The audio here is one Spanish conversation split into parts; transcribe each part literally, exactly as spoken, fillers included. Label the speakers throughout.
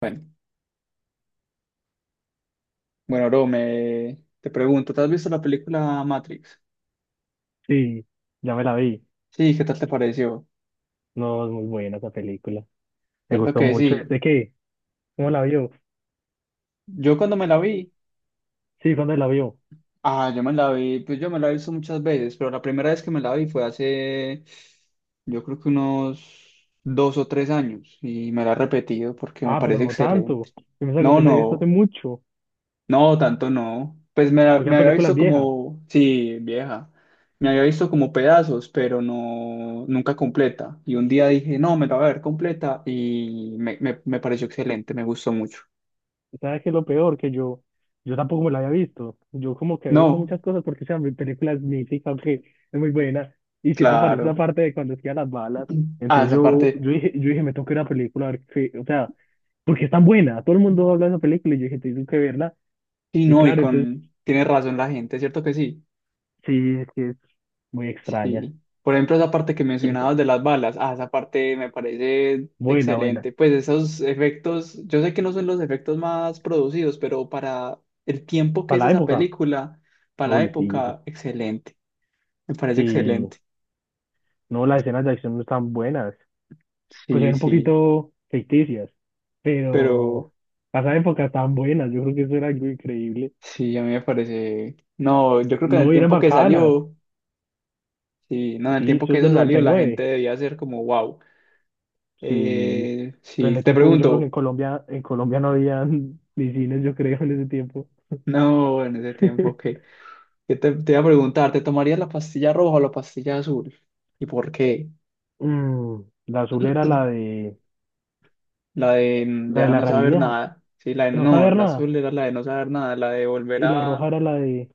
Speaker 1: Bueno, bueno, bro, me... te pregunto, ¿te has visto la película Matrix?
Speaker 2: Sí, ya me la vi.
Speaker 1: Sí, ¿qué tal te pareció?
Speaker 2: No, es muy buena esa película. Me
Speaker 1: Cierto
Speaker 2: gustó
Speaker 1: que
Speaker 2: mucho.
Speaker 1: sí.
Speaker 2: ¿De qué? ¿Cómo la vio?
Speaker 1: Yo cuando me la vi,
Speaker 2: Sí, ¿cuándo la vio?
Speaker 1: ah, yo me la vi, pues yo me la he visto muchas veces, pero la primera vez que me la vi fue hace, yo creo que unos dos o tres años, y me la he repetido porque me
Speaker 2: Ah, pero
Speaker 1: parece
Speaker 2: no
Speaker 1: excelente.
Speaker 2: tanto. Yo pensaba que
Speaker 1: No,
Speaker 2: usted la había visto hace
Speaker 1: no.
Speaker 2: mucho.
Speaker 1: No, tanto no. Pues me,
Speaker 2: O sea,
Speaker 1: me había
Speaker 2: películas
Speaker 1: visto
Speaker 2: viejas.
Speaker 1: como, sí, vieja, me había visto como pedazos, pero no, nunca completa. Y un día dije, no, me la voy a ver completa y me, me, me pareció excelente, me gustó mucho.
Speaker 2: ¿Sabes qué es lo peor? Que yo, yo tampoco me la había visto. Yo como que había visto
Speaker 1: No,
Speaker 2: muchas cosas porque, o sea, mi película es mítica, que es muy buena. Y siempre aparece esa
Speaker 1: claro.
Speaker 2: parte de cuando esquivan las balas.
Speaker 1: Ah,
Speaker 2: Entonces
Speaker 1: esa
Speaker 2: yo,
Speaker 1: parte,
Speaker 2: yo dije, yo dije, me tengo que ir a la película a ver qué, o sea, porque es tan buena. Todo el mundo habla de esa película y yo dije, tengo que verla.
Speaker 1: sí,
Speaker 2: Y
Speaker 1: no, y
Speaker 2: claro, entonces
Speaker 1: con, tiene razón la gente, ¿cierto que sí?
Speaker 2: Sí, sí, es muy extraña.
Speaker 1: Sí. Por ejemplo, esa parte que mencionabas de las balas, ah, esa parte me parece
Speaker 2: Buena, buena.
Speaker 1: excelente. Pues esos efectos, yo sé que no son los efectos más producidos, pero para el tiempo que es
Speaker 2: Para la
Speaker 1: esa
Speaker 2: época.
Speaker 1: película, para la
Speaker 2: Uy, sí,
Speaker 1: época, excelente. Me parece
Speaker 2: sí.
Speaker 1: excelente.
Speaker 2: No, las escenas de acción no están buenas. Pues
Speaker 1: Sí,
Speaker 2: eran un
Speaker 1: sí.
Speaker 2: poquito ficticias,
Speaker 1: Pero
Speaker 2: pero para esa época estaban buenas. Yo creo que eso era algo increíble.
Speaker 1: sí, a mí me parece. No, yo creo que en el
Speaker 2: No, eran
Speaker 1: tiempo que
Speaker 2: bacanas.
Speaker 1: salió, sí, no, en el
Speaker 2: Sí,
Speaker 1: tiempo
Speaker 2: eso
Speaker 1: que
Speaker 2: es
Speaker 1: eso
Speaker 2: del noventa
Speaker 1: salió,
Speaker 2: y
Speaker 1: la gente
Speaker 2: nueve
Speaker 1: debía ser como, wow.
Speaker 2: Sí.
Speaker 1: Eh,
Speaker 2: Pero en
Speaker 1: sí,
Speaker 2: el
Speaker 1: te
Speaker 2: tiempo, yo creo que en
Speaker 1: pregunto,
Speaker 2: Colombia, en Colombia no había ni cines, yo creo, en ese tiempo.
Speaker 1: no, en ese tiempo, ok. que te, te iba a preguntar, ¿te tomarías la pastilla roja o la pastilla azul? ¿Y por qué?
Speaker 2: Mm, la azul era la de
Speaker 1: La de mm,
Speaker 2: la de
Speaker 1: ya
Speaker 2: la
Speaker 1: no saber
Speaker 2: realidad.
Speaker 1: nada. Sí, la de no,
Speaker 2: No
Speaker 1: no,
Speaker 2: saber
Speaker 1: la
Speaker 2: nada.
Speaker 1: azul era la de no saber nada, la de volver
Speaker 2: Y la roja
Speaker 1: a...
Speaker 2: era la de,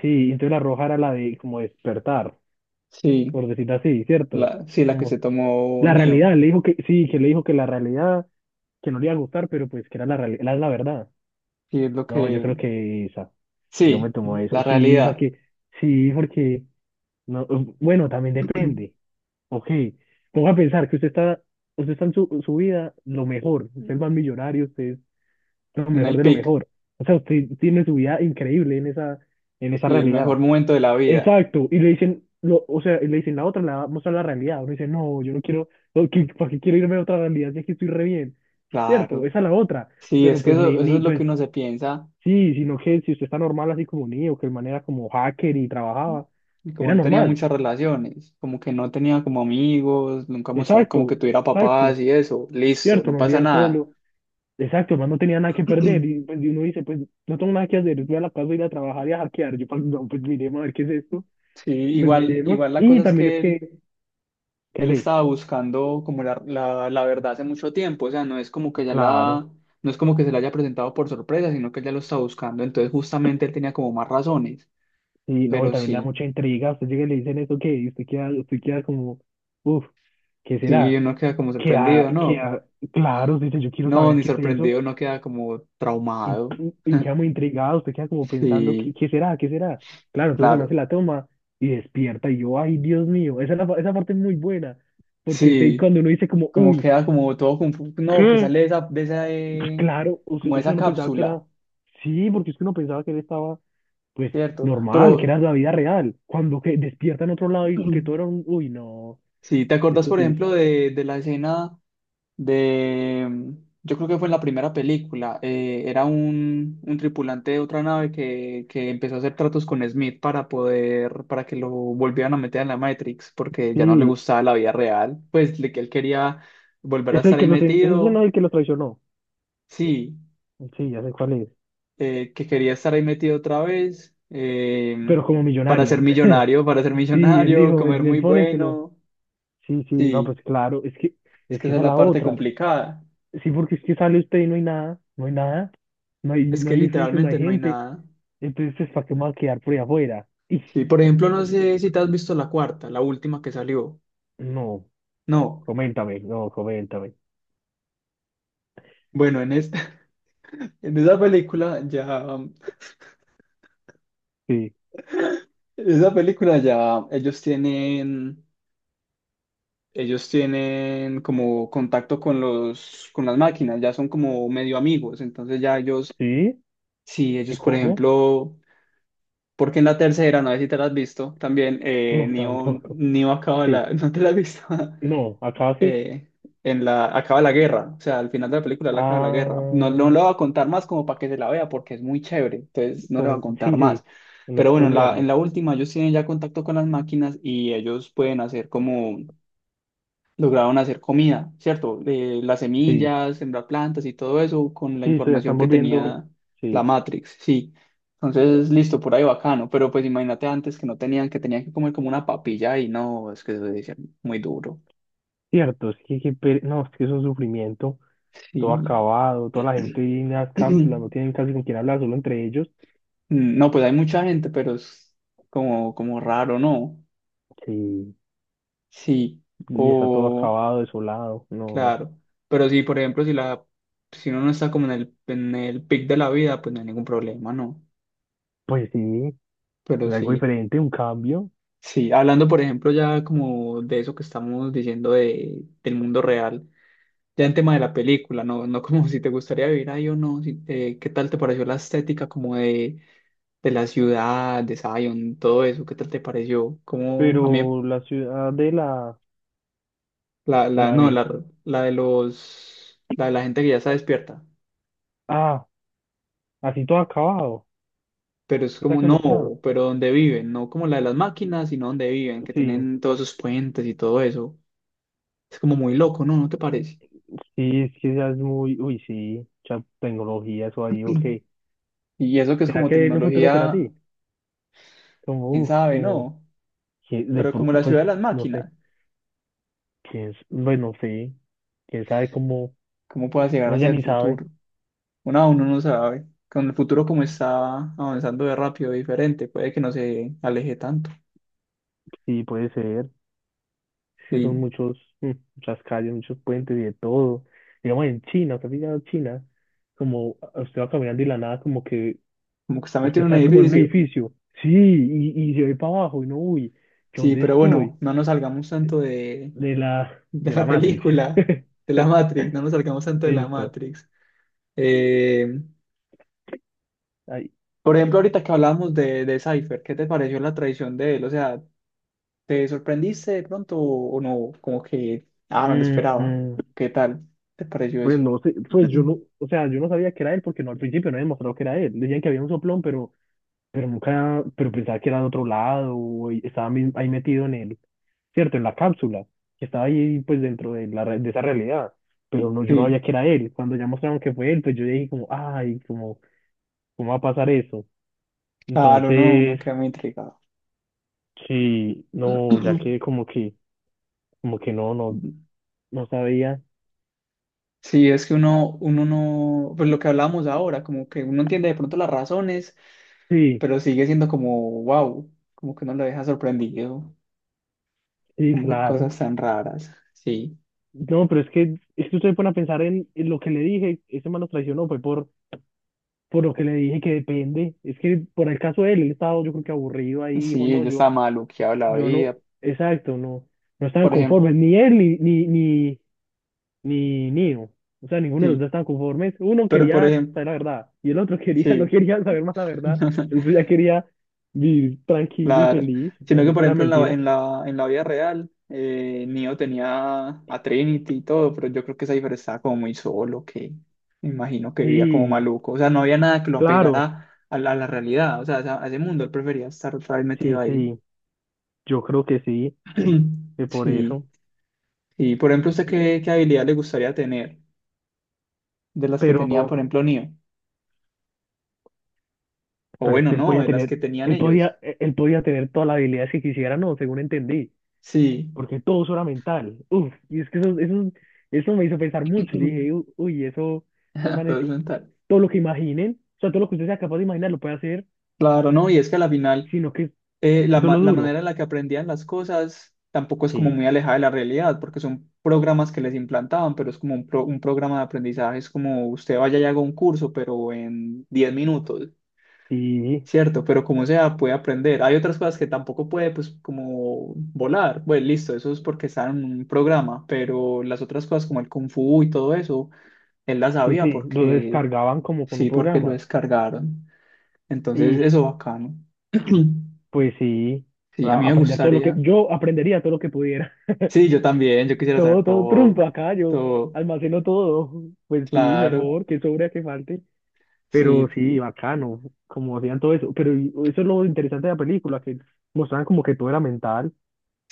Speaker 2: sí, entonces la roja era la de como despertar,
Speaker 1: Sí,
Speaker 2: por decirlo así, ¿cierto?
Speaker 1: la, sí, la que se
Speaker 2: Como
Speaker 1: tomó
Speaker 2: la
Speaker 1: Neo.
Speaker 2: realidad, le dijo que, sí, que le dijo que la realidad, que no le iba a gustar, pero pues que era la realidad, la, la verdad.
Speaker 1: Sí, es lo
Speaker 2: No, yo
Speaker 1: que...
Speaker 2: creo que esa, yo me
Speaker 1: Sí,
Speaker 2: tomo esa.
Speaker 1: la
Speaker 2: Sí,
Speaker 1: realidad.
Speaker 2: porque, sí, porque, no, eh, bueno, también depende. Ok, ponga a pensar que usted está, usted está en su, su vida lo mejor, usted es más millonario, usted es lo
Speaker 1: En
Speaker 2: mejor
Speaker 1: el
Speaker 2: de lo
Speaker 1: pic.
Speaker 2: mejor. O sea, usted tiene su vida increíble en esa, en esa
Speaker 1: Sí, el mejor
Speaker 2: realidad.
Speaker 1: momento de la vida.
Speaker 2: Exacto, y le dicen, lo, o sea, y le dicen la otra, la vamos a la realidad. Uno dice, no, yo no quiero, no, ¿qué- ¿para qué quiero irme a otra realidad si aquí estoy re bien? Cierto,
Speaker 1: Claro.
Speaker 2: esa es la otra,
Speaker 1: Sí, es
Speaker 2: pero
Speaker 1: que
Speaker 2: pues
Speaker 1: eso,
Speaker 2: ni,
Speaker 1: eso
Speaker 2: ni,
Speaker 1: es lo que
Speaker 2: pues
Speaker 1: uno se piensa.
Speaker 2: sí, sino que si usted está normal así como Neo, que el man era como hacker y trabajaba,
Speaker 1: Y como
Speaker 2: era
Speaker 1: no tenía
Speaker 2: normal.
Speaker 1: muchas relaciones, como que no tenía como amigos, nunca mostraban como que
Speaker 2: Exacto,
Speaker 1: tuviera
Speaker 2: exacto,
Speaker 1: papás y eso, listo,
Speaker 2: cierto,
Speaker 1: no
Speaker 2: no
Speaker 1: pasa
Speaker 2: vivía
Speaker 1: nada.
Speaker 2: solo, exacto, el man no tenía nada que perder, y pues y uno dice, pues no tengo nada que hacer, voy a la casa, voy a ir a trabajar y a hackear. Yo, pues, no, pues miremos a ver qué es esto,
Speaker 1: Sí,
Speaker 2: pues
Speaker 1: igual,
Speaker 2: miremos,
Speaker 1: igual la
Speaker 2: y
Speaker 1: cosa es
Speaker 2: también es
Speaker 1: que él,
Speaker 2: que,
Speaker 1: él
Speaker 2: que
Speaker 1: estaba buscando como la, la, la verdad hace mucho tiempo, o sea, no es como que ya
Speaker 2: claro.
Speaker 1: la, no es como que se la haya presentado por sorpresa, sino que él ya lo estaba buscando, entonces justamente él tenía como más razones,
Speaker 2: Sí, no, y
Speaker 1: pero
Speaker 2: también le da
Speaker 1: sí,
Speaker 2: mucha intriga. Usted llega y le dicen eso, ¿qué? Y usted queda, usted queda como, uff, ¿qué
Speaker 1: sí,
Speaker 2: será?
Speaker 1: uno queda como
Speaker 2: Que, a-
Speaker 1: sorprendido,
Speaker 2: que,
Speaker 1: no,
Speaker 2: a- claro, usted dice, yo quiero
Speaker 1: no,
Speaker 2: saber
Speaker 1: ni
Speaker 2: qué se hizo.
Speaker 1: sorprendido, uno queda como
Speaker 2: Y,
Speaker 1: traumado,
Speaker 2: y queda muy intrigado, usted queda como pensando, ¿qué,
Speaker 1: sí,
Speaker 2: qué será? ¿Qué será? Claro, entonces además se
Speaker 1: claro,
Speaker 2: la toma y despierta. Y yo, ay, Dios mío, esa, es la, pa- esa parte es muy buena. Porque se-
Speaker 1: sí.
Speaker 2: cuando uno dice como,
Speaker 1: Como
Speaker 2: uy,
Speaker 1: queda como todo confuso, no, que
Speaker 2: ¿qué?
Speaker 1: sale de esa, de esa,
Speaker 2: Pues
Speaker 1: eh,
Speaker 2: claro, o sea,
Speaker 1: como de
Speaker 2: o sea,
Speaker 1: esa
Speaker 2: uno pensaba que era,
Speaker 1: cápsula,
Speaker 2: sí, porque es que uno pensaba que él estaba, pues,
Speaker 1: ¿cierto?
Speaker 2: normal, que
Speaker 1: Pero
Speaker 2: era la vida real. Cuando que despierta en otro lado y que todo era un, uy, no,
Speaker 1: si te acordás,
Speaker 2: eso
Speaker 1: por
Speaker 2: sí es,
Speaker 1: ejemplo, de, de la escena de, mm, yo creo que fue en la primera película, eh, era un, un tripulante de otra nave que, que empezó a hacer tratos con Smith para poder, para que lo volvieran a meter en la Matrix, porque ya no le
Speaker 2: sí,
Speaker 1: gustaba la vida real, pues le- que él quería volver a
Speaker 2: es el
Speaker 1: estar
Speaker 2: que
Speaker 1: ahí
Speaker 2: los, ese es uno
Speaker 1: metido.
Speaker 2: del que lo traicionó.
Speaker 1: Sí,
Speaker 2: Sí, ya sé cuál es,
Speaker 1: eh, que quería estar ahí metido otra vez, eh,
Speaker 2: pero como
Speaker 1: para ser
Speaker 2: millonario.
Speaker 1: millonario, para ser
Speaker 2: Sí, él
Speaker 1: millonario,
Speaker 2: dijo, me,
Speaker 1: comer
Speaker 2: me
Speaker 1: muy
Speaker 2: ponen, pero,
Speaker 1: bueno.
Speaker 2: sí, sí, no,
Speaker 1: Sí,
Speaker 2: pues claro, es que,
Speaker 1: es
Speaker 2: es
Speaker 1: que
Speaker 2: que
Speaker 1: esa
Speaker 2: esa
Speaker 1: es
Speaker 2: es
Speaker 1: la
Speaker 2: la
Speaker 1: parte
Speaker 2: otra.
Speaker 1: complicada.
Speaker 2: Sí, porque es que sale usted y no hay nada, no hay nada, no hay,
Speaker 1: Es
Speaker 2: no
Speaker 1: que
Speaker 2: hay edificios, no hay
Speaker 1: literalmente no hay
Speaker 2: gente,
Speaker 1: nada.
Speaker 2: entonces, ¿para qué me va a quedar por ahí afuera? Y,
Speaker 1: Sí, por ejemplo, no sé si te has visto la cuarta, la última que salió.
Speaker 2: no.
Speaker 1: No.
Speaker 2: Coméntame, no, coméntame.
Speaker 1: Bueno, en esta, en esa película ya, en
Speaker 2: Sí,
Speaker 1: esa película ya ellos tienen, ellos tienen como contacto con los, con las máquinas, ya son como medio amigos, entonces ya ellos,
Speaker 2: sí,
Speaker 1: si
Speaker 2: ¿y
Speaker 1: ellos, por
Speaker 2: cómo?
Speaker 1: ejemplo, porque en la tercera, no sé si te la has visto, también eh,
Speaker 2: No,
Speaker 1: Neo,
Speaker 2: tampoco.
Speaker 1: Neo acaba
Speaker 2: Sí,
Speaker 1: la... ¿No te la has visto?
Speaker 2: no, acá sí.
Speaker 1: Eh, en la... Acaba la guerra. O sea, al final de la película él acaba la guerra. No, no
Speaker 2: Ah,
Speaker 1: lo voy a contar más como para que se la vea porque es muy chévere. Entonces no le
Speaker 2: por
Speaker 1: voy a
Speaker 2: in- sí,
Speaker 1: contar más.
Speaker 2: sí, no
Speaker 1: Pero bueno, en la, en
Speaker 2: spoilearme.
Speaker 1: la última ellos tienen ya contacto con las máquinas y ellos pueden hacer como lograron hacer comida, ¿cierto? Eh, las
Speaker 2: Sí,
Speaker 1: semillas, sembrar plantas y todo eso con la
Speaker 2: sí, se
Speaker 1: información
Speaker 2: están
Speaker 1: que
Speaker 2: volviendo,
Speaker 1: tenía la
Speaker 2: sí,
Speaker 1: Matrix, sí. Entonces, listo, por ahí bacano, pero pues imagínate antes que no tenían, que tenían que comer como una papilla y no, es que eso debe ser muy duro,
Speaker 2: cierto, es que, que per- no, es que es un sufrimiento, todo
Speaker 1: sí.
Speaker 2: acabado, toda la gente en las cápsulas, no tienen casi con quién hablar, solo entre ellos,
Speaker 1: Mm, No, pues hay mucha gente, pero es como, como raro, ¿no?
Speaker 2: sí,
Speaker 1: Sí,
Speaker 2: y está todo
Speaker 1: o
Speaker 2: acabado, desolado, no,
Speaker 1: claro, pero sí, por ejemplo, si la, si uno no está como en el, en el pic de la vida, pues no hay ningún problema, ¿no?
Speaker 2: pues sí,
Speaker 1: Pero
Speaker 2: es algo
Speaker 1: sí.
Speaker 2: diferente, un cambio,
Speaker 1: Sí, hablando por ejemplo ya como de eso que estamos diciendo de, del mundo real, ya en tema de la película, no, no como si te gustaría vivir ahí o no, si te- ¿qué tal te pareció la estética como de, de la ciudad, de Zion, todo eso? ¿Qué tal te pareció? Como a mí
Speaker 2: pero la ciudad de la,
Speaker 1: la, la,
Speaker 2: la
Speaker 1: no,
Speaker 2: virtud.
Speaker 1: la, la de los, la de la gente que ya está despierta,
Speaker 2: Así todo acabado.
Speaker 1: pero es
Speaker 2: ¿Está
Speaker 1: como
Speaker 2: que
Speaker 1: no,
Speaker 2: mostrado?
Speaker 1: pero donde viven, no como la de las máquinas, sino donde viven, que
Speaker 2: Sí,
Speaker 1: tienen todos esos puentes y todo eso. Es como muy loco, ¿no? ¿No te parece?
Speaker 2: sí, es que ya es muy. Uy, sí, mucha tecnología, eso ahí, ok.
Speaker 1: Y eso que es
Speaker 2: ¿Será
Speaker 1: como
Speaker 2: que en el futuro será
Speaker 1: tecnología,
Speaker 2: así? Como,
Speaker 1: quién
Speaker 2: uff,
Speaker 1: sabe,
Speaker 2: como.
Speaker 1: ¿no?
Speaker 2: que de
Speaker 1: Pero
Speaker 2: pro-
Speaker 1: como la
Speaker 2: pues,
Speaker 1: ciudad de las
Speaker 2: no sé.
Speaker 1: máquinas,
Speaker 2: ¿Quién es? Bueno, sí. ¿Quién sabe cómo?
Speaker 1: ¿cómo pueda llegar
Speaker 2: No, ya
Speaker 1: hacia el
Speaker 2: ni sabe.
Speaker 1: futuro? Uno aún no sabe. Con el futuro como está avanzando de rápido, diferente, puede que no se aleje tanto.
Speaker 2: Sí, puede ser. Sí,
Speaker 1: Y
Speaker 2: son muchos, mm, muchas calles, muchos puentes y de todo. Digamos en China, ¿usted ha pillado China? Como a- usted va caminando y la nada, como que
Speaker 1: como que está
Speaker 2: usted
Speaker 1: metido en un
Speaker 2: está como en un
Speaker 1: edificio.
Speaker 2: edificio, sí, y, y se ve para abajo, y no, uy, ¿yo
Speaker 1: Sí,
Speaker 2: dónde
Speaker 1: pero bueno,
Speaker 2: estoy?
Speaker 1: no nos salgamos tanto de,
Speaker 2: De la,
Speaker 1: de
Speaker 2: de la
Speaker 1: la
Speaker 2: Matrix.
Speaker 1: película, de la Matrix, no nos salgamos tanto de la
Speaker 2: Listo.
Speaker 1: Matrix. Eh,
Speaker 2: Ay.
Speaker 1: por ejemplo, ahorita que hablamos de, de Cypher, ¿qué te pareció la traición de él? O sea, ¿te sorprendiste de pronto o, o no? Como que, ah, no lo esperaba.
Speaker 2: Mm,
Speaker 1: ¿Qué tal? ¿Te pareció
Speaker 2: pues
Speaker 1: eso?
Speaker 2: no sé, pues yo no, o sea, yo no sabía que era él porque no al principio no había demostrado que era él. Decían que había un soplón, pero, pero, nunca, pero pensaba que era de otro lado, o estaba mi- ahí metido en el, cierto, en la cápsula, que estaba ahí pues dentro de la re- de esa realidad. Pero no, yo no
Speaker 1: Sí,
Speaker 2: sabía que era él. Cuando ya mostraron que fue él, pues yo dije como, ay, como, ¿Cómo va a pasar eso?
Speaker 1: claro, no, uno
Speaker 2: Entonces,
Speaker 1: queda muy intrigado.
Speaker 2: sí, no, ya que como que, como que no, no, no sabía.
Speaker 1: Sí, es que uno, uno no, pues lo que hablábamos ahora, como que uno entiende de pronto las razones,
Speaker 2: Sí,
Speaker 1: pero sigue siendo como, wow, como que uno lo deja sorprendido,
Speaker 2: sí,
Speaker 1: como que
Speaker 2: claro.
Speaker 1: cosas tan raras. Sí,
Speaker 2: No, pero es que, es que, usted se pone a pensar en, en lo que le dije, ese man lo traicionó, fue por, por lo que le dije que depende. Es que por el caso de él, él estaba yo creo que aburrido ahí, dijo,
Speaker 1: sí,
Speaker 2: no,
Speaker 1: ella
Speaker 2: yo,
Speaker 1: estaba maluqueada la
Speaker 2: yo no,
Speaker 1: vida,
Speaker 2: exacto, no, no estaban
Speaker 1: por ejemplo,
Speaker 2: conformes, ni él, ni, ni, ni, ni Neo. O sea, ninguno de los
Speaker 1: sí,
Speaker 2: dos estaban conformes. Uno
Speaker 1: pero por
Speaker 2: quería
Speaker 1: ejemplo,
Speaker 2: saber la verdad y el otro quería, no
Speaker 1: sí.
Speaker 2: quería saber más la verdad. El otro ya quería vivir tranquilo y
Speaker 1: Claro,
Speaker 2: feliz,
Speaker 1: sino que
Speaker 2: así
Speaker 1: por
Speaker 2: fuera
Speaker 1: ejemplo en la,
Speaker 2: mentira.
Speaker 1: en la, en la vida real, eh, Neo tenía a Trinity y todo, pero yo creo que Cypher estaba como muy solo, que me imagino que vivía como
Speaker 2: Sí,
Speaker 1: maluco, o sea, no había nada que lo
Speaker 2: claro,
Speaker 1: apegara a la, a la realidad, o sea, a, esa- a ese mundo, él prefería estar otra vez metido
Speaker 2: sí,
Speaker 1: ahí.
Speaker 2: sí, yo creo que sí, que por
Speaker 1: Sí,
Speaker 2: eso.
Speaker 1: y por ejemplo, ¿usted
Speaker 2: Sí.
Speaker 1: qué, qué habilidad le gustaría tener de las que
Speaker 2: Pero,
Speaker 1: tenía, por ejemplo, Neo? O
Speaker 2: pero es
Speaker 1: bueno,
Speaker 2: que él
Speaker 1: no,
Speaker 2: podía
Speaker 1: de las
Speaker 2: tener,
Speaker 1: que tenían
Speaker 2: él
Speaker 1: ellos.
Speaker 2: podía, eh, él podía tener todas las habilidades que quisiera, no, según entendí,
Speaker 1: Sí,
Speaker 2: porque todo eso era mental. Uf, y es que eso, eso, eso me hizo pensar mucho. Yo
Speaker 1: todo
Speaker 2: dije, "U- uy, eso, esos manes
Speaker 1: es mental.
Speaker 2: todo lo que imaginen, o sea, todo lo que usted sea capaz de imaginar lo puede hacer,
Speaker 1: Claro, no, y es que a la final...
Speaker 2: sino que
Speaker 1: eh, la,
Speaker 2: eso es
Speaker 1: ma-
Speaker 2: lo
Speaker 1: la
Speaker 2: duro.
Speaker 1: manera en la que aprendían las cosas tampoco es como
Speaker 2: Sí,
Speaker 1: muy alejada de la realidad, porque son programas que les implantaban, pero es como un, pro- un programa de aprendizaje, es como usted vaya y haga un curso, pero en diez minutos,
Speaker 2: Sí,
Speaker 1: ¿cierto? Pero como sea, puede aprender. Hay otras cosas que tampoco puede, pues, como volar. Bueno, listo, eso es porque está en un programa, pero las otras cosas como el Kung Fu y todo eso, él las
Speaker 2: sí,
Speaker 1: sabía
Speaker 2: sí, lo
Speaker 1: porque,
Speaker 2: descargaban como con un
Speaker 1: sí, porque lo
Speaker 2: programa.
Speaker 1: descargaron. Entonces,
Speaker 2: Y
Speaker 1: eso bacano.
Speaker 2: pues sí,
Speaker 1: Sí, a
Speaker 2: a-
Speaker 1: mí me
Speaker 2: aprender todo lo que,
Speaker 1: gustaría.
Speaker 2: yo aprendería todo lo que pudiera.
Speaker 1: Sí, yo también, yo quisiera saber
Speaker 2: Todo, todo
Speaker 1: todo,
Speaker 2: trumpa acá, yo
Speaker 1: todo,
Speaker 2: almaceno todo. Pues sí,
Speaker 1: claro,
Speaker 2: mejor, que sobra que falte. Pero
Speaker 1: sí,
Speaker 2: sí, bacano, como hacían todo eso. Pero y- eso es lo interesante de la película, que mostraban como que todo era mental.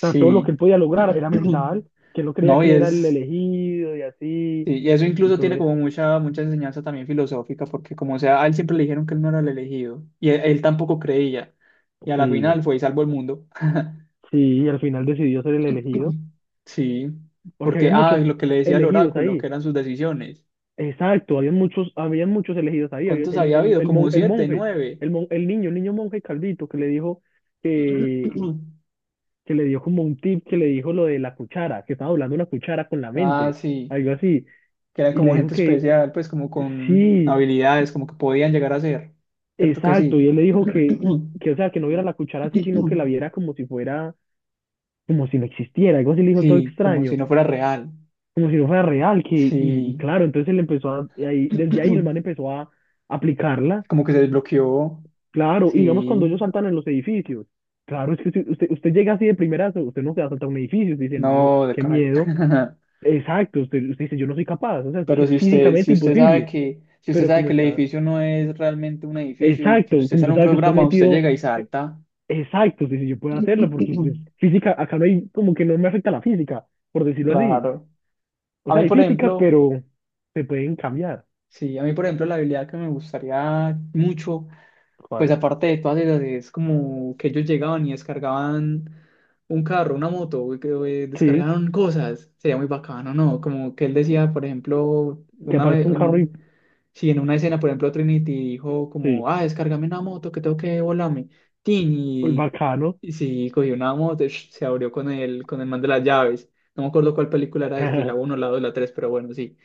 Speaker 2: O sea, todo lo que él podía lograr era mental, que él no creía
Speaker 1: No,
Speaker 2: que
Speaker 1: y
Speaker 2: él era el
Speaker 1: es,
Speaker 2: elegido y así,
Speaker 1: sí, y eso
Speaker 2: y
Speaker 1: incluso
Speaker 2: todo
Speaker 1: tiene como
Speaker 2: eso.
Speaker 1: mucha, mucha enseñanza también filosófica, porque como sea, a él siempre le dijeron que él no era el elegido, y él, él tampoco creía, y a la
Speaker 2: Sí,
Speaker 1: final fue y salvó el mundo.
Speaker 2: sí, y al final decidió ser el elegido,
Speaker 1: Sí,
Speaker 2: porque
Speaker 1: porque,
Speaker 2: habían
Speaker 1: ah,
Speaker 2: muchos
Speaker 1: lo que le decía el
Speaker 2: elegidos
Speaker 1: oráculo, que
Speaker 2: ahí.
Speaker 1: eran sus decisiones.
Speaker 2: Exacto, habían muchos, habían muchos elegidos ahí. Había
Speaker 1: ¿Cuántos
Speaker 2: el,
Speaker 1: había
Speaker 2: el,
Speaker 1: habido?
Speaker 2: el,
Speaker 1: Como
Speaker 2: mon- el
Speaker 1: siete,
Speaker 2: monje,
Speaker 1: nueve.
Speaker 2: el, mon- el niño, el niño monje Caldito, que le dijo que, que le dio como un tip, que le dijo lo de la cuchara, que estaba hablando una cuchara con la
Speaker 1: Ah,
Speaker 2: mente,
Speaker 1: sí.
Speaker 2: algo así.
Speaker 1: Que eran
Speaker 2: Y le
Speaker 1: como
Speaker 2: dijo
Speaker 1: gente
Speaker 2: que
Speaker 1: especial, pues como con
Speaker 2: sí.
Speaker 1: habilidades, como que podían llegar a ser, ¿cierto que
Speaker 2: Exacto,
Speaker 1: sí?
Speaker 2: y él le dijo que, que, o sea, que no viera la cuchara así, sino que la viera como si fuera, como si no existiera, algo así le dijo todo
Speaker 1: Sí, como si
Speaker 2: extraño,
Speaker 1: no fuera real,
Speaker 2: como si no fuera real, que, y, y
Speaker 1: sí,
Speaker 2: claro, entonces él empezó a, y ahí, desde ahí el man empezó a aplicarla,
Speaker 1: como que se desbloqueó,
Speaker 2: claro, y digamos cuando
Speaker 1: sí,
Speaker 2: ellos saltan en los edificios, claro, es que si usted, usted llega así de primera, usted no se va a saltar un edificio, usted dice, no,
Speaker 1: no, de
Speaker 2: qué
Speaker 1: caray.
Speaker 2: miedo, exacto, usted, usted dice, yo no soy capaz, o sea, es que
Speaker 1: Pero
Speaker 2: es
Speaker 1: si usted,
Speaker 2: físicamente
Speaker 1: si usted sabe
Speaker 2: imposible,
Speaker 1: que, si usted
Speaker 2: pero
Speaker 1: sabe
Speaker 2: como
Speaker 1: que el
Speaker 2: está,
Speaker 1: edificio no es realmente un edificio y que
Speaker 2: exacto,
Speaker 1: usted
Speaker 2: como
Speaker 1: está en
Speaker 2: usted
Speaker 1: un
Speaker 2: sabe que usted está
Speaker 1: programa, usted
Speaker 2: metido.
Speaker 1: llega y salta.
Speaker 2: Exacto, sí, sí, yo puedo hacerlo porque pues, física, acá no hay, como que no me afecta la física, por decirlo así.
Speaker 1: Claro.
Speaker 2: O
Speaker 1: A
Speaker 2: sea,
Speaker 1: mí,
Speaker 2: hay
Speaker 1: por
Speaker 2: físicas,
Speaker 1: ejemplo,
Speaker 2: pero se pueden cambiar.
Speaker 1: sí, a mí, por ejemplo, la habilidad que me gustaría mucho pues
Speaker 2: ¿Cuál?
Speaker 1: aparte de todas esas, es como que ellos llegaban y descargaban un carro, una moto, güey, que eh,
Speaker 2: Sí,
Speaker 1: descargaron cosas. Sería muy bacano, ¿no? Como que él decía, por ejemplo,
Speaker 2: que
Speaker 1: una
Speaker 2: aparece
Speaker 1: vez,
Speaker 2: un
Speaker 1: en
Speaker 2: carro y
Speaker 1: un, si en una escena, por ejemplo, Trinity dijo como,
Speaker 2: sí,
Speaker 1: ah, descárgame una moto que tengo que volarme. Tin,
Speaker 2: pues
Speaker 1: y,
Speaker 2: bacano.
Speaker 1: y sí, cogió una moto, sh, se abrió con el, con el man de las llaves. No me acuerdo cuál película era esa, si la uno la dos la tres pero bueno, sí.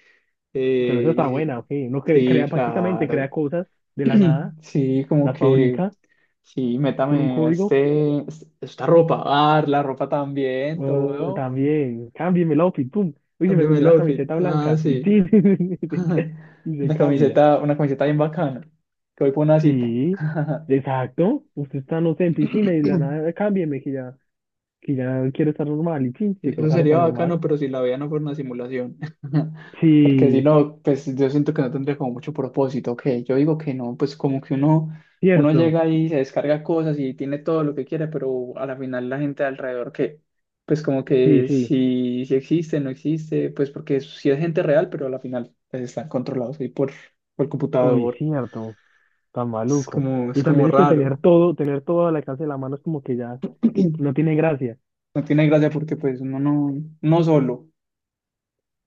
Speaker 2: Pero eso está
Speaker 1: Eh,
Speaker 2: buena,
Speaker 1: y
Speaker 2: ok. Uno cre-
Speaker 1: sí,
Speaker 2: crea
Speaker 1: sí,
Speaker 2: prácticamente,
Speaker 1: claro.
Speaker 2: crea cosas de la nada,
Speaker 1: Sí, como
Speaker 2: las
Speaker 1: que...
Speaker 2: fabrica
Speaker 1: Sí,
Speaker 2: con un
Speaker 1: métame
Speaker 2: código.
Speaker 1: este, este- esta ropa. Ah, la ropa también,
Speaker 2: Eh,
Speaker 1: todo.
Speaker 2: también, cámbiame el outfit, pum. Uy, se me
Speaker 1: Cámbiame
Speaker 2: subió
Speaker 1: el
Speaker 2: la
Speaker 1: outfit.
Speaker 2: camiseta
Speaker 1: Ah,
Speaker 2: blanca y,
Speaker 1: sí.
Speaker 2: tin, y se
Speaker 1: Una
Speaker 2: cambia.
Speaker 1: camiseta, una camiseta bien bacana. Que voy por una cita.
Speaker 2: Sí, exacto. Usted está, no sé, en piscina y de la nada, cámbieme que ya, que ya, quiero estar normal y sí,
Speaker 1: Sí,
Speaker 2: se
Speaker 1: eso
Speaker 2: coloca ropa
Speaker 1: sería bacano,
Speaker 2: normal.
Speaker 1: pero si la vida no fuera una simulación. Porque si
Speaker 2: Sí,
Speaker 1: no, pues yo siento que no tendría como mucho propósito. Que yo digo que no, pues como que uno, uno
Speaker 2: cierto.
Speaker 1: llega y se descarga cosas y tiene todo lo que quiere, pero a la final la gente de alrededor que, pues como
Speaker 2: Sí,
Speaker 1: que
Speaker 2: sí.
Speaker 1: si, si existe, no existe, pues porque si es gente real, pero a la final pues, están controlados ahí por, por el
Speaker 2: Uy,
Speaker 1: computador.
Speaker 2: cierto. Tan
Speaker 1: Es
Speaker 2: maluco.
Speaker 1: como, es
Speaker 2: Y
Speaker 1: como
Speaker 2: también es que
Speaker 1: raro.
Speaker 2: tener todo, tener todo al alcance de la mano es como que ya no tiene gracia.
Speaker 1: No tiene gracia porque pues uno no, no solo,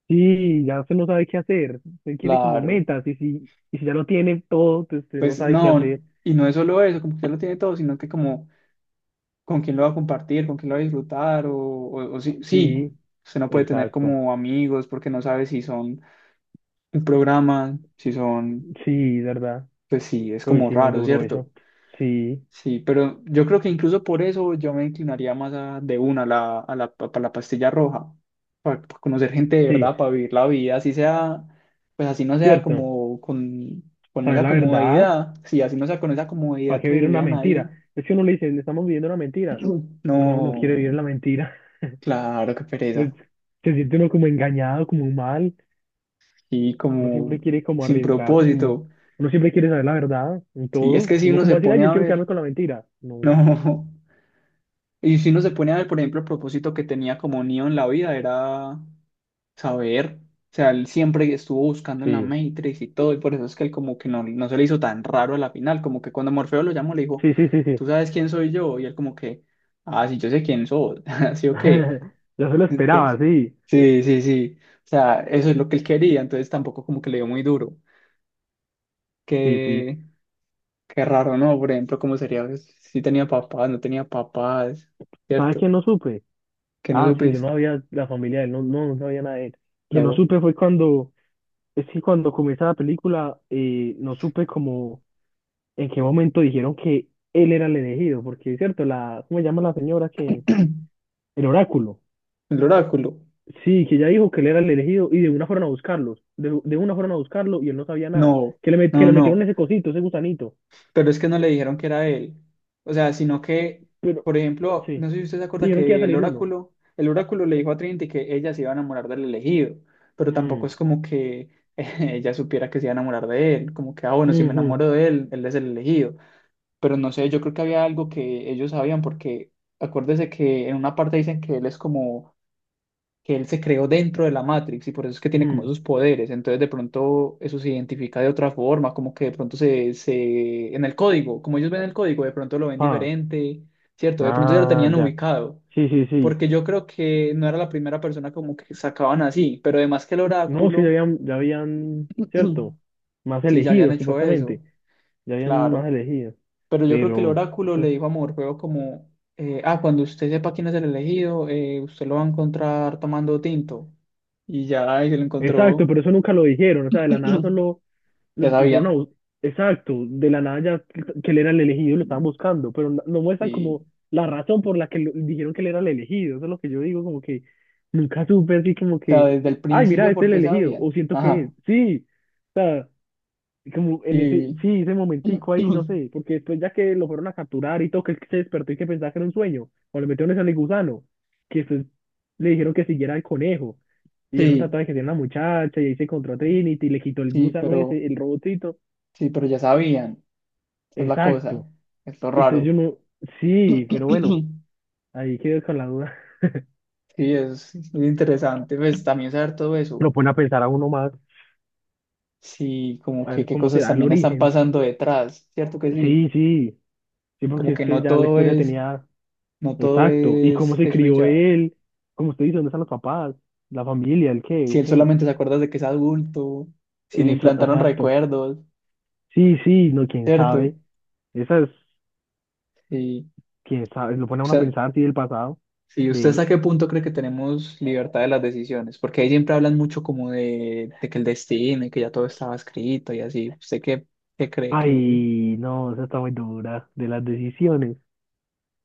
Speaker 2: Sí, ya usted no sabe qué hacer. Usted quiere como
Speaker 1: claro.
Speaker 2: metas y si, y si ya lo tiene todo, pues usted no
Speaker 1: Pues
Speaker 2: sabe qué
Speaker 1: no,
Speaker 2: hacer.
Speaker 1: y no es solo eso, como que ya lo tiene todo, sino que como con quién lo va a compartir, con quién lo va a disfrutar, o, o, o sí, sí,
Speaker 2: Sí,
Speaker 1: usted no puede tener
Speaker 2: exacto.
Speaker 1: como amigos porque no sabe si son un programa, si son,
Speaker 2: Sí, verdad.
Speaker 1: pues sí, es
Speaker 2: Uy,
Speaker 1: como
Speaker 2: sí, muy
Speaker 1: raro,
Speaker 2: duro
Speaker 1: ¿cierto?
Speaker 2: eso. Sí,
Speaker 1: Sí, pero yo creo que incluso por eso yo me inclinaría más a- de una a la, a la, pa- pa la pastilla roja, para, conocer gente de
Speaker 2: sí,
Speaker 1: verdad, para vivir la vida, así sea, pues así no sea
Speaker 2: cierto.
Speaker 1: como con, con
Speaker 2: Saber
Speaker 1: esa
Speaker 2: la verdad,
Speaker 1: comodidad, sí, así no sea con esa comodidad
Speaker 2: ¿para qué
Speaker 1: que
Speaker 2: vivir una
Speaker 1: vivían ahí.
Speaker 2: mentira? Es que uno le dice, le estamos viviendo una mentira. Uno no quiere vivir
Speaker 1: No,
Speaker 2: la mentira.
Speaker 1: claro, qué
Speaker 2: Pues
Speaker 1: pereza.
Speaker 2: se siente uno como engañado, como mal.
Speaker 1: Y
Speaker 2: Uno siempre
Speaker 1: como
Speaker 2: quiere como
Speaker 1: sin
Speaker 2: arriesgarse, como
Speaker 1: propósito.
Speaker 2: uno siempre quiere saber la verdad en
Speaker 1: Sí, es
Speaker 2: todo.
Speaker 1: que si
Speaker 2: Uno
Speaker 1: uno
Speaker 2: como
Speaker 1: se
Speaker 2: va a decir, ay,
Speaker 1: pone
Speaker 2: yo
Speaker 1: a
Speaker 2: quiero quedarme
Speaker 1: ver,
Speaker 2: con la mentira. No,
Speaker 1: no. Y si uno se pone a ver, por ejemplo, el propósito que tenía como Neo en la vida era saber. O sea, él siempre estuvo buscando en la
Speaker 2: sí,
Speaker 1: Matrix y todo, y por eso es que él como que no, no se le hizo tan raro a la final, como que cuando Morfeo lo llamó le dijo,
Speaker 2: sí, sí, sí, sí.
Speaker 1: ¿tú sabes quién soy yo? Y él como que, ah, sí, yo sé quién soy, así o qué.
Speaker 2: Yo se lo esperaba,
Speaker 1: Entonces,
Speaker 2: sí,
Speaker 1: sí, sí, sí. O sea, eso es lo que él quería, entonces tampoco como que le dio muy duro.
Speaker 2: sí, sí.
Speaker 1: Qué, qué raro, ¿no? Por ejemplo, ¿cómo sería si tenía papás, no tenía papás,
Speaker 2: ¿Sabes
Speaker 1: ¿cierto?
Speaker 2: quién no supe?
Speaker 1: ¿Que no
Speaker 2: Ah, sí, yo no
Speaker 1: supiste?
Speaker 2: había la familia de él, no, no, no sabía nada de él. Quien no
Speaker 1: No.
Speaker 2: supe fue cuando, es que cuando comienza la película, eh, no supe como en qué momento dijeron que él era el elegido, porque es cierto, la, ¿cómo se llama la señora que? El oráculo.
Speaker 1: El oráculo.
Speaker 2: Sí, que ella dijo que él era el elegido y de una fueron a buscarlos, de, de una fueron a buscarlo y él no sabía nada,
Speaker 1: No,
Speaker 2: que le, met- que
Speaker 1: no,
Speaker 2: le metieron
Speaker 1: no.
Speaker 2: ese cosito, ese gusanito,
Speaker 1: Pero es que no le dijeron que era él. O sea, sino que,
Speaker 2: pero
Speaker 1: por ejemplo,
Speaker 2: sí,
Speaker 1: no sé si usted se acuerda
Speaker 2: dijeron que iba a
Speaker 1: que el
Speaker 2: salir uno.
Speaker 1: oráculo, el oráculo le dijo a Trinity que ella se iba a enamorar del elegido, pero tampoco
Speaker 2: Mm,
Speaker 1: es como que ella supiera que se iba a enamorar de él, como que, ah, bueno, si me
Speaker 2: ujú,
Speaker 1: enamoro de él, él es el elegido. Pero no sé, yo creo que había algo que ellos sabían, porque acuérdese que en una parte dicen que él es como que él se creó dentro de la Matrix y por eso es que tiene como
Speaker 2: ujú.
Speaker 1: esos poderes. Entonces de pronto eso se identifica de otra forma, como que de pronto se, se, en el código, como ellos ven el código, de pronto lo ven
Speaker 2: Ah,
Speaker 1: diferente, ¿cierto? De pronto ya lo
Speaker 2: ah,
Speaker 1: tenían
Speaker 2: ya.
Speaker 1: ubicado,
Speaker 2: Sí, sí, sí.
Speaker 1: porque yo creo que no era la primera persona como que sacaban así, pero además que el
Speaker 2: No, sí, ya
Speaker 1: oráculo,
Speaker 2: habían, ya habían, cierto, más
Speaker 1: sí, ya habían
Speaker 2: elegidos,
Speaker 1: hecho
Speaker 2: supuestamente,
Speaker 1: eso,
Speaker 2: ya habían más
Speaker 1: claro.
Speaker 2: elegidos,
Speaker 1: Pero yo creo que el
Speaker 2: pero,
Speaker 1: oráculo
Speaker 2: pues,
Speaker 1: le dijo a Morfeo como, eh, ah, cuando usted sepa quién es el elegido, eh, usted lo va a encontrar tomando tinto. Y ya, y se lo
Speaker 2: exacto,
Speaker 1: encontró.
Speaker 2: pero eso nunca lo dijeron, o sea, de la nada solo lo,
Speaker 1: Ya
Speaker 2: lo fueron a
Speaker 1: sabían.
Speaker 2: bus- Exacto, de la nada ya que que él era el elegido y lo estaban buscando, pero no, no muestran
Speaker 1: Y,
Speaker 2: como la razón por la que lo- dijeron que él era el elegido, eso es lo que yo digo, como que nunca supe así como
Speaker 1: o sea,
Speaker 2: que,
Speaker 1: desde el
Speaker 2: ay, mira,
Speaker 1: principio,
Speaker 2: este
Speaker 1: ¿por
Speaker 2: es el
Speaker 1: qué
Speaker 2: elegido,
Speaker 1: sabían?
Speaker 2: o siento que es,
Speaker 1: Ajá.
Speaker 2: sí, como en ese,
Speaker 1: Y,
Speaker 2: sí, ese momentico ahí, no sé, porque después ya que lo fueron a capturar y todo, que él se despertó y que pensaba que era un sueño, cuando le metieron ese al gusano, que después le dijeron que siguiera al conejo, y ya no
Speaker 1: sí,
Speaker 2: trataba de que tenía una muchacha, y ahí se encontró a Trinity, y le quitó el
Speaker 1: sí,
Speaker 2: gusano
Speaker 1: pero,
Speaker 2: ese, el robotito,
Speaker 1: sí, pero ya sabían. Esa es la cosa.
Speaker 2: exacto,
Speaker 1: Es lo
Speaker 2: entonces yo
Speaker 1: raro.
Speaker 2: no, sí, pero bueno, ahí quedé con la duda,
Speaker 1: Sí, es, es interesante, pues también saber todo eso.
Speaker 2: lo pone a pensar a uno más,
Speaker 1: Sí, como
Speaker 2: a
Speaker 1: que
Speaker 2: ver
Speaker 1: qué
Speaker 2: cómo
Speaker 1: cosas
Speaker 2: será el
Speaker 1: también están
Speaker 2: origen,
Speaker 1: pasando detrás, ¿cierto que sí?
Speaker 2: sí, sí, sí,
Speaker 1: Como
Speaker 2: porque es
Speaker 1: que
Speaker 2: que
Speaker 1: no
Speaker 2: ya la
Speaker 1: todo
Speaker 2: historia
Speaker 1: es,
Speaker 2: tenía.
Speaker 1: no todo
Speaker 2: Exacto. ¿Y cómo
Speaker 1: es
Speaker 2: se
Speaker 1: eso y
Speaker 2: crió
Speaker 1: ya.
Speaker 2: él? Como usted dice, ¿dónde están los papás? ¿La familia? ¿El qué?
Speaker 1: Si
Speaker 2: ¿O
Speaker 1: él
Speaker 2: qué?
Speaker 1: solamente se acuerda de que es adulto, si le
Speaker 2: Esa-
Speaker 1: implantaron
Speaker 2: Exacto.
Speaker 1: recuerdos,
Speaker 2: Sí, sí, no, quién sabe.
Speaker 1: ¿cierto?
Speaker 2: Esa es,
Speaker 1: Sí.
Speaker 2: quién sabe, lo pone a
Speaker 1: O
Speaker 2: uno a
Speaker 1: sea,
Speaker 2: pensar, sí, del pasado
Speaker 1: sí, ¿usted
Speaker 2: de él.
Speaker 1: hasta qué punto cree que tenemos libertad de las decisiones? Porque ahí siempre hablan mucho como de, de que el destino y que ya todo estaba escrito y así. ¿Usted qué, qué cree que
Speaker 2: Ay, no, esa está muy dura, de las decisiones.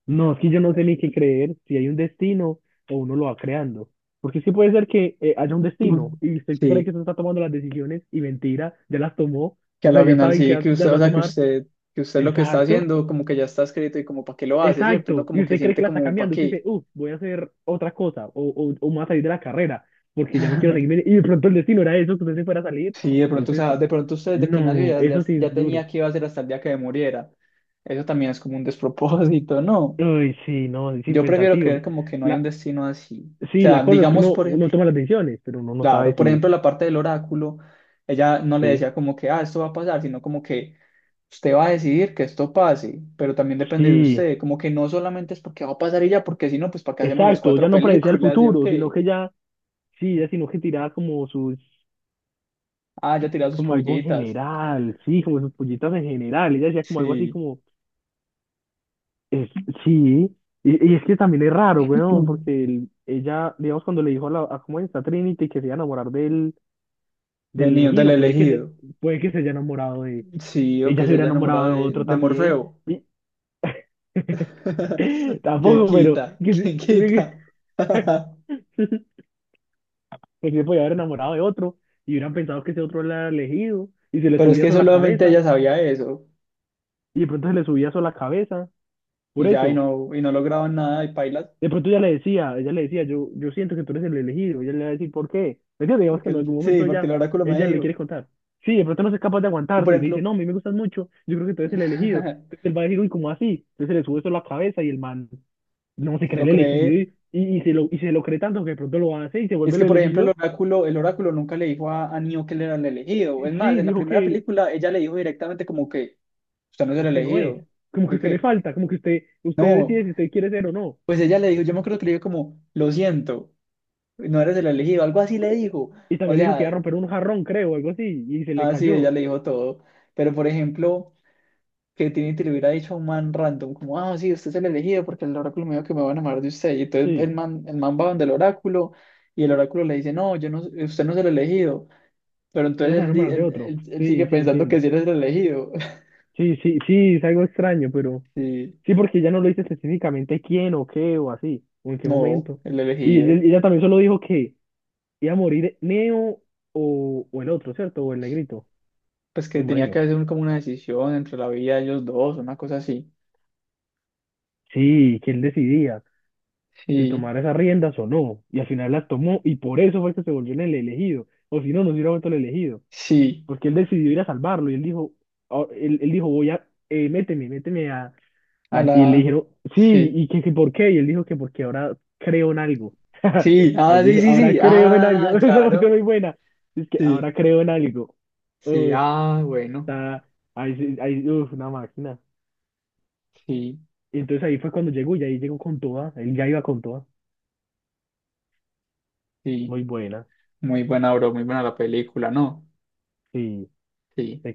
Speaker 2: No, es que yo no sé ni qué creer, si hay un destino o uno lo va creando. Porque sí puede ser que eh, haya un destino
Speaker 1: Mm.
Speaker 2: y usted cree que
Speaker 1: sí?
Speaker 2: usted está tomando las decisiones y mentira, ya las tomó,
Speaker 1: Que
Speaker 2: o
Speaker 1: a
Speaker 2: sea,
Speaker 1: la
Speaker 2: ya
Speaker 1: final
Speaker 2: saben que
Speaker 1: sí, que
Speaker 2: las
Speaker 1: usted,
Speaker 2: va
Speaker 1: o
Speaker 2: a
Speaker 1: sea, que
Speaker 2: tomar.
Speaker 1: usted, que usted lo que está
Speaker 2: Exacto.
Speaker 1: haciendo como que ya está escrito y como para qué lo hace, ¿cierto? Uno
Speaker 2: Exacto, y
Speaker 1: como que
Speaker 2: usted cree que
Speaker 1: siente
Speaker 2: la está
Speaker 1: como para
Speaker 2: cambiando, usted
Speaker 1: qué.
Speaker 2: dice, uh, voy a hacer otra cosa, o, o, o me voy a salir de la carrera, porque ya no quiero seguirme, y de pronto el destino era eso, que usted se fuera a salir,
Speaker 1: Sí, de pronto, o
Speaker 2: entonces,
Speaker 1: sea, de pronto usted desde que nació
Speaker 2: no,
Speaker 1: ya, ya,
Speaker 2: eso sí
Speaker 1: ya
Speaker 2: es
Speaker 1: tenía
Speaker 2: duro.
Speaker 1: que iba a ser hasta el día que muriera. Eso también es como un despropósito, ¿no?
Speaker 2: Uy, sí, no, sí,
Speaker 1: Yo prefiero
Speaker 2: pensativo.
Speaker 1: creer como que no hay un
Speaker 2: La,
Speaker 1: destino así. O
Speaker 2: sí,
Speaker 1: sea,
Speaker 2: la cosa es que
Speaker 1: digamos,
Speaker 2: uno,
Speaker 1: por
Speaker 2: uno
Speaker 1: ejemplo,
Speaker 2: toma las decisiones, pero uno no
Speaker 1: claro,
Speaker 2: sabe
Speaker 1: por
Speaker 2: si,
Speaker 1: ejemplo, la parte del oráculo, ella no le
Speaker 2: sí,
Speaker 1: decía como que, ah, esto va a pasar, sino como que usted va a decidir que esto pase, pero también depende de
Speaker 2: sí,
Speaker 1: usted, como que no solamente es porque va a pasar ella, porque si no, pues ¿para qué hacemos las
Speaker 2: exacto,
Speaker 1: cuatro
Speaker 2: ya no predecía el
Speaker 1: películas? ¿Y o
Speaker 2: futuro, sino
Speaker 1: qué?
Speaker 2: que ya, sí, ya sino que tiraba como sus,
Speaker 1: Ah, ya tirado sus
Speaker 2: como algo en
Speaker 1: pullitas.
Speaker 2: general, sí, como sus pollitas en general, ella decía como algo así
Speaker 1: Sí.
Speaker 2: como es, sí, y, y es que también es raro, weón, porque el- ella, digamos, cuando le dijo a, la, a cómo está Trinity que se iba a enamorar del,
Speaker 1: De
Speaker 2: del
Speaker 1: niño, del
Speaker 2: elegido, puede que se,
Speaker 1: elegido.
Speaker 2: puede que se haya enamorado de,
Speaker 1: Sí, o
Speaker 2: ella
Speaker 1: que
Speaker 2: se
Speaker 1: se
Speaker 2: hubiera
Speaker 1: haya enamorado
Speaker 2: enamorado de
Speaker 1: de,
Speaker 2: otro
Speaker 1: de
Speaker 2: también.
Speaker 1: Morfeo.
Speaker 2: y-
Speaker 1: ¿qué
Speaker 2: Tampoco, pero
Speaker 1: quita?
Speaker 2: que
Speaker 1: ¿qué
Speaker 2: se,
Speaker 1: quita?
Speaker 2: pues se podía haber enamorado de otro y hubieran pensado que ese otro era el elegido y se le
Speaker 1: Pero es
Speaker 2: subía
Speaker 1: que
Speaker 2: eso a la
Speaker 1: solamente
Speaker 2: cabeza
Speaker 1: ella sabía eso
Speaker 2: y de pronto se le subía eso a la cabeza. Por
Speaker 1: y ya, y
Speaker 2: eso.
Speaker 1: no, y no lograban nada y pailas,
Speaker 2: De pronto ella le decía, ella le decía, yo, yo siento que tú eres el elegido. Ella le va a decir, ¿por qué? Porque digamos que
Speaker 1: porque
Speaker 2: en algún
Speaker 1: el, sí,
Speaker 2: momento
Speaker 1: porque
Speaker 2: ella,
Speaker 1: el oráculo me
Speaker 2: ella le
Speaker 1: dijo.
Speaker 2: quiere contar. Sí, de pronto no es capaz de
Speaker 1: Y por
Speaker 2: aguantarse y le dice,
Speaker 1: ejemplo,
Speaker 2: no, a mí me gustas mucho, yo creo que tú eres el elegido.
Speaker 1: se
Speaker 2: Entonces él va a decir, uy, ¿cómo así? Entonces se le sube eso a la cabeza y el man no se cree
Speaker 1: lo
Speaker 2: el elegido
Speaker 1: creé.
Speaker 2: y, y, y se lo, y se lo cree tanto que de pronto lo hace y se
Speaker 1: Es
Speaker 2: vuelve el
Speaker 1: que, por ejemplo, el
Speaker 2: elegido.
Speaker 1: oráculo, el oráculo nunca le dijo a, a Neo que él era el elegido.
Speaker 2: Y
Speaker 1: Es más,
Speaker 2: sí,
Speaker 1: en la
Speaker 2: dijo
Speaker 1: primera
Speaker 2: que
Speaker 1: película ella le dijo directamente como que usted no es el
Speaker 2: usted no es,
Speaker 1: elegido.
Speaker 2: como que
Speaker 1: ¿Yo
Speaker 2: usted le
Speaker 1: qué?
Speaker 2: falta, como que usted, usted
Speaker 1: No,
Speaker 2: decide si usted quiere ser o no.
Speaker 1: pues ella le dijo, yo me acuerdo que le dijo como, lo siento, no eres el elegido, algo así le dijo.
Speaker 2: Y
Speaker 1: O
Speaker 2: también le dijo que iba a
Speaker 1: sea,
Speaker 2: romper un jarrón, creo, algo así, y se le
Speaker 1: así ella
Speaker 2: cayó.
Speaker 1: le dijo todo. Pero, por ejemplo... que Trinity le hubiera dicho a un man random, como, ah, sí, usted es el elegido porque el oráculo me dijo que me va a enamorar de usted. Y entonces
Speaker 2: Sí.
Speaker 1: el man, el man va donde el oráculo y el oráculo le dice, no, yo no, usted no es el elegido. Pero
Speaker 2: Ella se
Speaker 1: entonces
Speaker 2: va a
Speaker 1: él, di-
Speaker 2: enamorar de
Speaker 1: él,
Speaker 2: otro.
Speaker 1: él- él sigue
Speaker 2: Sí, sí,
Speaker 1: pensando que
Speaker 2: entiendo.
Speaker 1: sí eres el elegido.
Speaker 2: Sí, sí, sí, es algo extraño, pero
Speaker 1: sí
Speaker 2: sí, porque ella no lo dice específicamente quién o qué o así, o en qué
Speaker 1: no,
Speaker 2: momento.
Speaker 1: el
Speaker 2: Y ella,
Speaker 1: elegido.
Speaker 2: ella también solo dijo que iba a morir Neo o, o el otro, ¿cierto? O el negrito,
Speaker 1: Pues que
Speaker 2: el
Speaker 1: tenía que
Speaker 2: moreno.
Speaker 1: hacer un- como una decisión entre la vida de ellos dos, una cosa así.
Speaker 2: Sí, que él decidía si
Speaker 1: Sí,
Speaker 2: tomar esas riendas o no. Y al final las tomó y por eso fue que se volvió en el elegido. O si no, no se hubiera vuelto el elegido.
Speaker 1: sí,
Speaker 2: Porque él decidió ir a salvarlo y él dijo, ah, él, él dijo, voy a, eh, méteme, méteme a,
Speaker 1: a
Speaker 2: Ah, y le
Speaker 1: la...
Speaker 2: dijeron, sí,
Speaker 1: Sí,
Speaker 2: y que, que por qué, y él dijo que porque ahora creo en algo.
Speaker 1: sí,
Speaker 2: Así
Speaker 1: ah, sí,
Speaker 2: dijo,
Speaker 1: sí,
Speaker 2: ahora
Speaker 1: sí,
Speaker 2: creo en algo.
Speaker 1: ah,
Speaker 2: Esa parte
Speaker 1: claro.
Speaker 2: muy buena. Es que
Speaker 1: Sí,
Speaker 2: ahora creo en algo.
Speaker 1: sí,
Speaker 2: Uf,
Speaker 1: ah, bueno,
Speaker 2: está, ahí, sí- ahí, uf, una máquina.
Speaker 1: sí,
Speaker 2: Y entonces ahí fue cuando llegó y ahí llegó con toda, él ya iba con toda.
Speaker 1: sí.
Speaker 2: Muy buena,
Speaker 1: Muy buena, bro, muy buena la película, ¿no?
Speaker 2: sí.
Speaker 1: Sí.